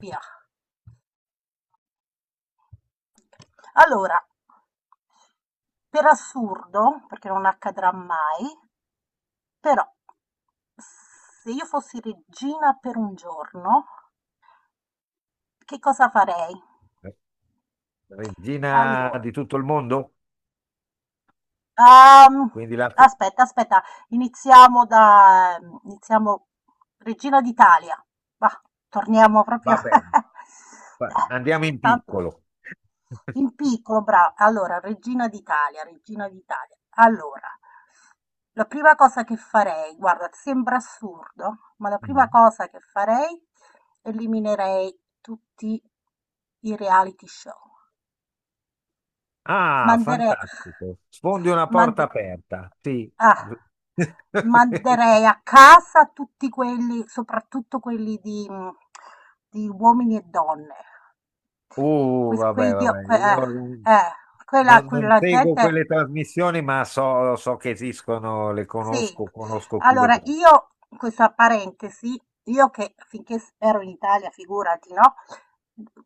Via. Allora, per assurdo, perché non accadrà mai, però se io fossi regina per un giorno, che cosa farei? Regina Allora, di tutto il mondo? ehm, Quindi la... aspetta, aspetta, iniziamo da, iniziamo Regina d'Italia. Va, torniamo proprio va bene, andiamo in soltanto. piccolo. In piccolo, brava. Allora, Regina d'Italia, Regina d'Italia. Allora, la prima cosa che farei, guarda, sembra assurdo, ma la prima Mm. cosa che farei, eliminerei tutti i reality show. Ah, Manderei, fantastico. Sfondi una porta mand- aperta. Sì. ah, manderei a casa tutti quelli, soprattutto quelli di uomini e donne Uh, que- Quei vabbè, dio, vabbè, que- io non, eh, quella, non- non quella seguo gente quelle trasmissioni, ma so, so che esistono, le sì. conosco, conosco chi le Allora guarda. io questa parentesi, io che finché s ero in Italia figurati, no,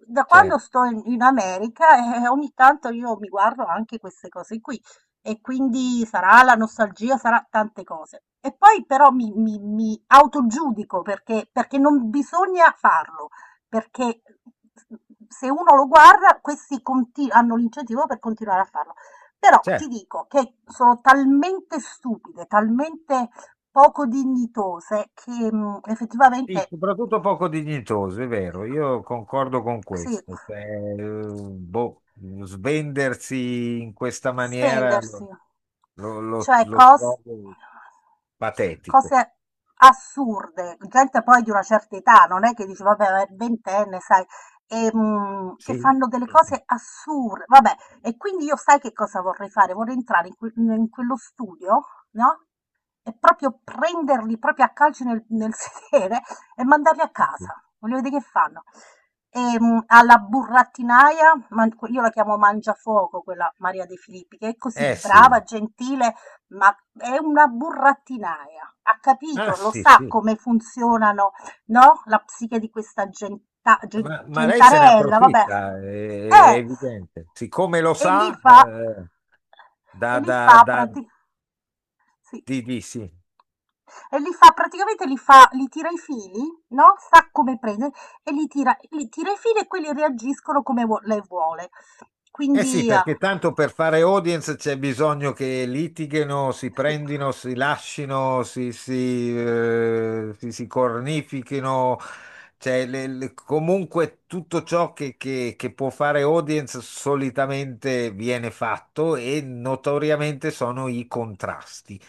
da quando Certo, sto in America, ogni tanto io mi guardo anche queste cose qui e quindi sarà la nostalgia, sarà tante cose. E poi però mi autogiudico perché, perché non bisogna farlo, perché se uno lo guarda, questi conti- hanno l'incentivo per continuare a farlo. Però certo. ti dico che sono talmente stupide, talmente poco dignitose che, Sì, effettivamente soprattutto poco dignitoso, è vero, io concordo con sì, questo. Cioè, boh, svendersi in questa maniera svendersi. lo, lo- lo- Cioè lo cos trovo patetico. cose assurde, gente poi di una certa età, non è che dici vabbè, ma è ventenne, sai, e, che Sì. fanno delle cose assurde, vabbè, e quindi io sai che cosa vorrei fare? Vorrei entrare in quello studio, no? E proprio prenderli proprio a calci nel sedere e mandarli a casa. Voglio vedere che fanno. E, alla burattinaia, man- io la chiamo Mangiafuoco, quella Maria De Filippi, che è così Eh sì, brava, gentile, ma è una burattinaia, ha ah capito, lo sì, sa sì, come funzionano, no, la psiche di questa ma lei se ne gentarella, vabbè. approfitta, è Eh, evidente. Siccome lo e li sa, fa, e da, li fa, da, da, prati- sì, di sì. e li fa praticamente, li fa, li tira i fili, no? Sa come prendere e li tira i fili e quelli reagiscono come lei vuole. Eh sì, Quindi, perché tanto per fare audience c'è bisogno che litighino, si sì, prendino, si lascino, si, si cornifichino, cioè comunque tutto ciò che, che può fare audience solitamente viene fatto e notoriamente sono i contrasti.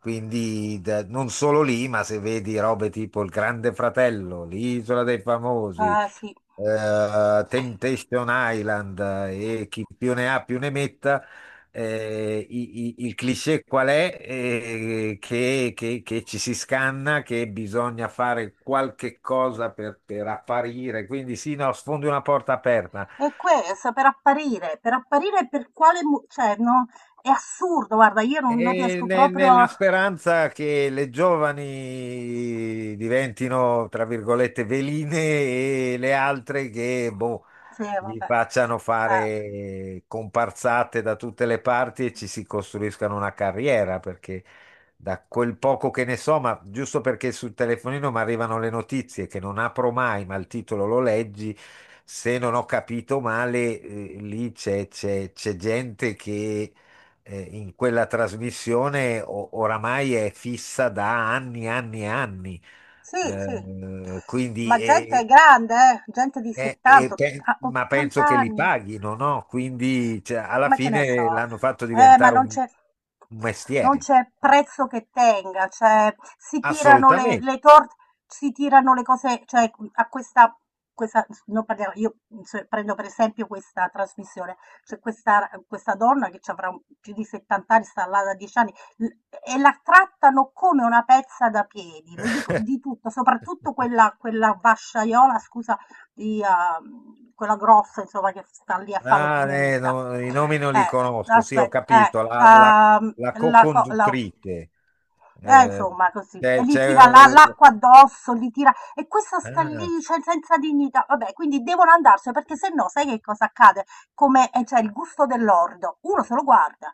Quindi non solo lì, ma se vedi robe tipo Il Grande Fratello, L'Isola dei Famosi, sì. Temptation Island, e chi più ne ha più ne metta. Il cliché qual è? Che, che ci si scanna, che bisogna fare qualche cosa per apparire, quindi sì, no, sfondi una porta aperta. È questo, per apparire, per apparire per quale... mo- cioè, no, è assurdo, guarda, io non, non E riesco proprio... nella speranza che le giovani diventino, tra virgolette, veline e le altre che, boh, Sì, gli vabbè. facciano Eh, fare comparsate da tutte le parti e ci si costruiscano una carriera, perché da quel poco che ne so, ma giusto perché sul telefonino mi arrivano le notizie che non apro mai, ma il titolo lo leggi, se non ho capito male, lì c'è gente che in quella trasmissione oramai è fissa da anni, anni e anni. Sì, sì. Ma Quindi gente grande, gente di 70, otta- ma 80 penso che li anni. paghino, no? Quindi cioè, alla Ma che ne fine so. l'hanno fatto Ma diventare non c'è un non mestiere. c'è prezzo che tenga, cioè si tirano Assolutamente. le torte, si tirano le cose, cioè a questa, questa non parliamo, io se- prendo per esempio questa trasmissione, c'è questa, questa donna che ci avrà un- più di 70 anni, sta là da 10 anni, l- e la trattano come una pezza da piedi, le dico di tutto, soprattutto quella, quella vasciaiola, scusa, di, quella grossa, insomma, che sta lì a fare Ah, l'opinionista. no, i nomi non li Eh, conosco, sì, ho aspetta, eh, capito. Ehm, La la, co- la- co-conduttrice. Eh, insomma, così. E c'è, gli tira la- c'è- l'acqua addosso, gli tira... E questa eh, sta ah, lì, cioè, senza dignità. Vabbè, quindi devono andarsene, perché se no, sai che cosa accade? Come, cioè, il gusto dell'ordo. Uno se lo guarda.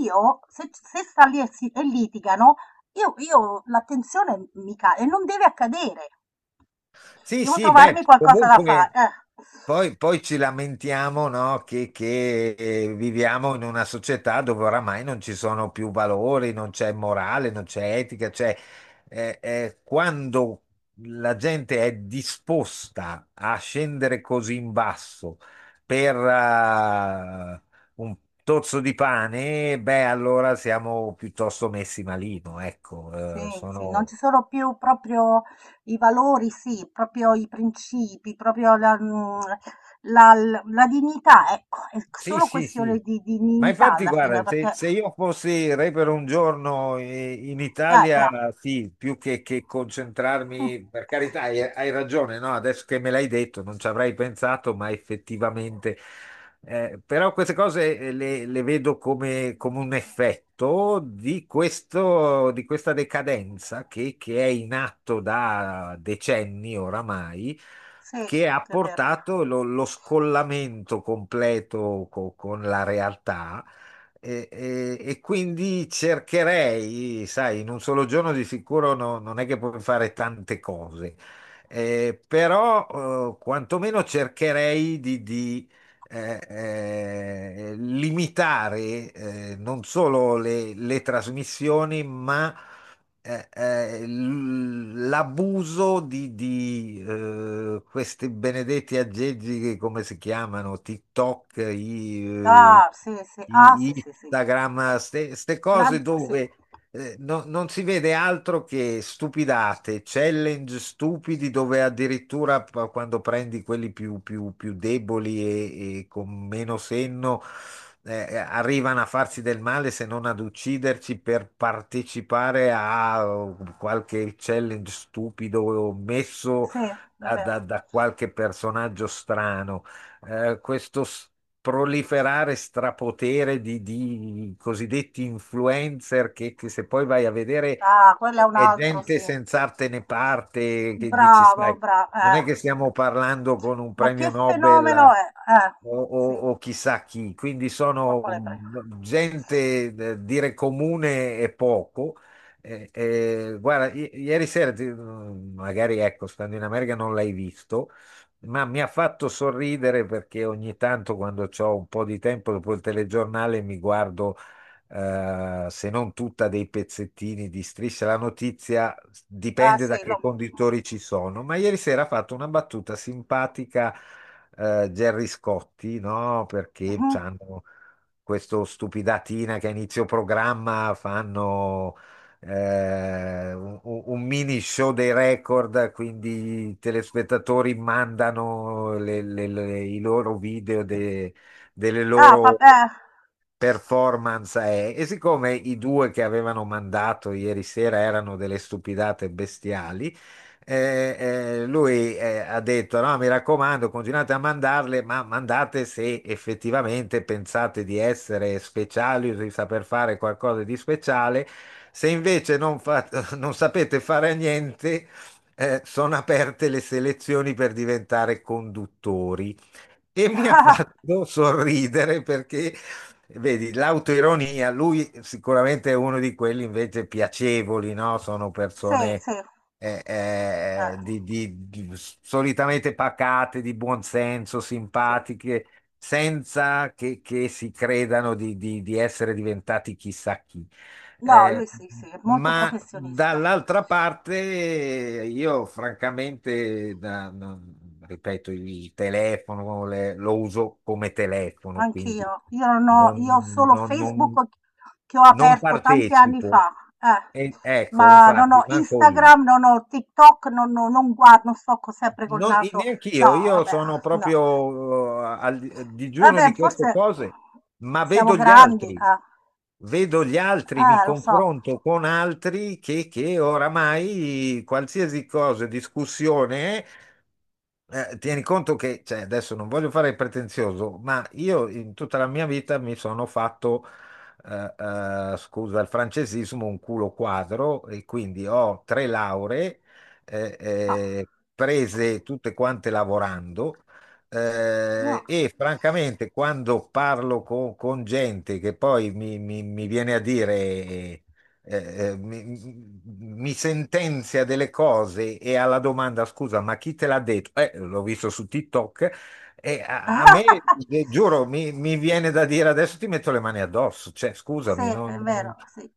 Io, se, se sta lì e, si- e litigano, io l'attenzione mi cade. E non deve accadere. Sì, Devo sì, trovarmi beh, qualcosa da fare. comunque poi ci lamentiamo, no, viviamo in una società dove oramai non ci sono più valori, non c'è morale, non c'è etica, cioè quando la gente è disposta a scendere così in basso per un tozzo di pane, beh, allora siamo piuttosto messi malino, Sì, ecco, sì, non ci sono... sono più proprio i valori, sì, proprio i principi, proprio la, la dignità, ecco, è Sì, solo sì, questione sì. Di Ma dignità infatti, alla fine, guarda, perché, se io fossi re per un giorno in Italia, bravo. sì, più che concentrarmi, per carità, hai, hai ragione, no? Adesso che me l'hai detto, non ci avrei pensato, ma effettivamente. Però queste cose le vedo come, come un effetto di questo, di questa decadenza che è in atto da decenni oramai, Sì, che ha è vero. portato lo, lo scollamento completo con la realtà. E quindi cercherei, sai, in un solo giorno di sicuro non è che puoi fare tante cose. Però quantomeno cercherei di limitare non solo le trasmissioni, ma l'abuso di, questi benedetti aggeggi che come si chiamano? TikTok, Ah, sì, sì, ah, sì, sì, sì. Instagram, queste cose L'ant- sì, dove non si vede altro che stupidate, challenge stupidi dove addirittura quando prendi quelli più, più deboli e con meno senno, arrivano a farsi del male se non ad ucciderci per partecipare a qualche challenge stupido messo sì, è vero. Da qualche personaggio strano. eh, questo s- Proliferare strapotere di cosiddetti influencer che se poi vai a vedere Ah, quello è un è altro, sì. gente senza arte né parte, che dici, Bravo, sai, bravo. non è che stiamo parlando con un Ma premio che fenomeno Nobel è? Sì, o chissà chi, quindi ma sono quale prego? Gente, dire comune e poco. Guarda, ieri sera, magari ecco, stando in America non l'hai visto, ma mi ha fatto sorridere perché ogni tanto quando ho un po' di tempo dopo il telegiornale mi guardo, se non tutta, dei pezzettini di Striscia la notizia, Ah, dipende da sì, che lo... conditori ci sono. Ma ieri sera ha fatto una battuta simpatica, Gerry Scotti, no? mm, Perché mhm. hanno questo stupidatina che a inizio programma fanno un mini show dei record, quindi i telespettatori mandano i loro video delle Ah, loro papà. performance. E siccome i due che avevano mandato ieri sera erano delle stupidate bestiali, eh, lui ha detto: "No, mi raccomando, continuate a mandarle, ma mandate se effettivamente pensate di essere speciali o di saper fare qualcosa di speciale. Se invece non, non sapete fare niente, sono aperte le selezioni per diventare conduttori." E mi ha fatto sorridere perché, vedi, l'autoironia, lui sicuramente è uno di quelli invece piacevoli, no? Sono Sì, persone sì. Eh, solitamente pacate, di buon senso, sì. simpatiche, senza che, che si credano di, di essere diventati chissà chi. No, Eh, lui sì, sì, è molto ma professionista. dall'altra parte io francamente, ripeto, il telefono lo uso come telefono, quindi Anch'io. Io non ho io ho non, solo non- non- Facebook che ho non aperto tanti anni partecipo. fa, eh. Ecco, Ma non ho infatti, manco io. Instagram, non ho TikTok, non non non guardo, non sto co sempre col Non, naso neanche no, io vabbè, sono no. proprio al digiuno Vabbè, di queste forse cose, ma siamo grandi, eh. vedo gli altri, mi Lo so. confronto con altri che oramai qualsiasi cosa, discussione, è, tieni conto che, cioè, adesso non voglio fare il pretenzioso, ma io in tutta la mia vita mi sono fatto, eh, scusa il francesismo, un culo quadro e quindi ho 3 lauree, eh, Ah, eh, prese tutte quante lavorando. no. E francamente, quando parlo con gente che poi mi, mi viene a dire, eh, mi, mi sentenzia delle cose e alla domanda: "Scusa, ma chi te l'ha detto?" "Eh, l'ho visto su TikTok." E a, a me, giuro, mi viene da dire: "Adesso ti metto le mani addosso," cioè Sì, scusami, è vero, sì.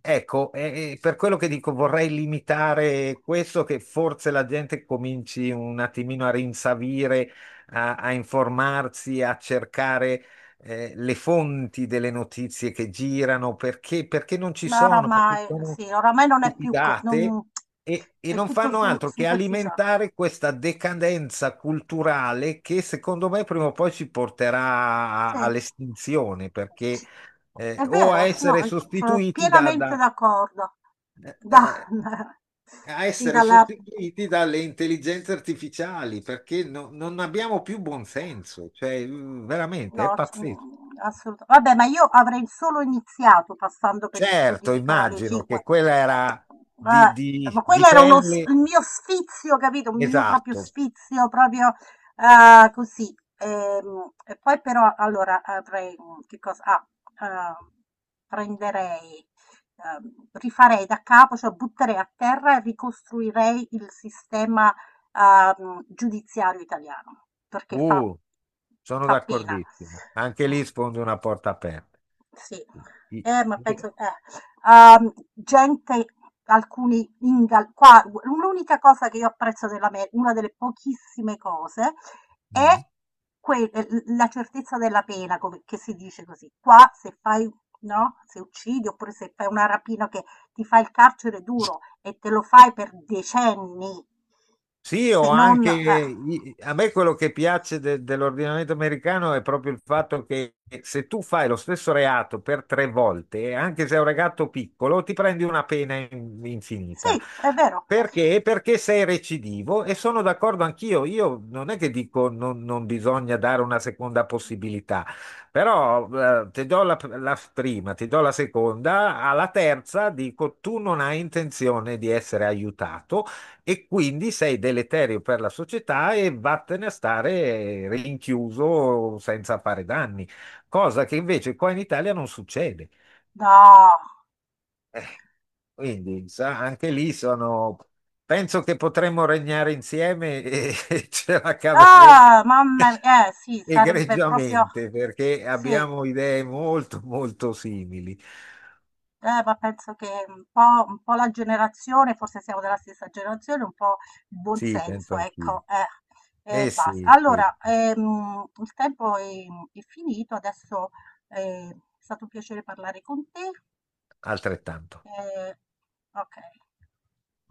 Ecco, per quello che dico vorrei limitare questo, che forse la gente cominci un attimino a rinsavire, a, a informarsi, a cercare le fonti delle notizie che girano, perché, perché non ci Ma sono, perché oramai sì, sono oramai non è più co stupidate non e è non tutto fanno sul altro che superficiale. alimentare questa decadenza culturale che secondo me prima o poi ci porterà Sì. All'estinzione, perché Ci è o a vero, s no, essere i sono sostituiti da, pienamente da- d'accordo. eh, Da eh, a sì, essere dalla sostituiti dalle intelligenze artificiali, perché non abbiamo più buonsenso, cioè veramente No, è c- pazzesco. Assolut- Vabbè, ma io avrei solo iniziato passando per gli studi Certo, di Canale immagino che 5. quella era Ma di, quello di era uno, s- pelle, il mio sfizio, capito? Un mio proprio esatto. sfizio, proprio così. E, poi però, allora, avrei, che cosa? Ah, eh, prenderei, rifarei da capo, cioè butterei a terra e ricostruirei il sistema giudiziario italiano, perché fa, Uh, sono fa pena. d'accordissimo. Anche Mm. lì sfondi una porta aperta. Sì, I- ma Sì. penso gente alcuni ingal qua l'unica cosa che io apprezzo dell'Ame una delle pochissime cose, è Mm. que l la certezza della pena, come che si dice così. Qua se fai no, se uccidi oppure se fai una rapina che ti fai il carcere duro e te lo fai per decenni. Sì, Se o non anche eh. A me quello che piace dell'ordinamento americano è proprio il fatto che se tu fai lo stesso reato per 3 volte, anche se è un reato piccolo, ti prendi una pena Sì, infinita. è vero. Perché? Perché sei recidivo e sono d'accordo anch'io. Io non è che dico non, non bisogna dare una seconda possibilità, però ti do la, la prima, ti do la seconda, alla terza dico tu non hai intenzione di essere aiutato e quindi sei deleterio per la società e vattene a stare rinchiuso senza fare danni, cosa che invece qua in Italia non succede. No. Eh, quindi sa, anche lì sono... Penso che potremmo regnare insieme e, e ce la caveremo Ah, mamma mia, eh sì, sarebbe proprio egregiamente perché sì, abbiamo idee molto, molto simili. Ma penso che un po' la generazione, forse siamo della stessa generazione, un po' il buon Sì, penso senso, anch'io. ecco, Eh e basta. sì, sì, Allora, il tempo è finito, adesso è stato un piacere parlare con te. altrettanto. Eh, ok.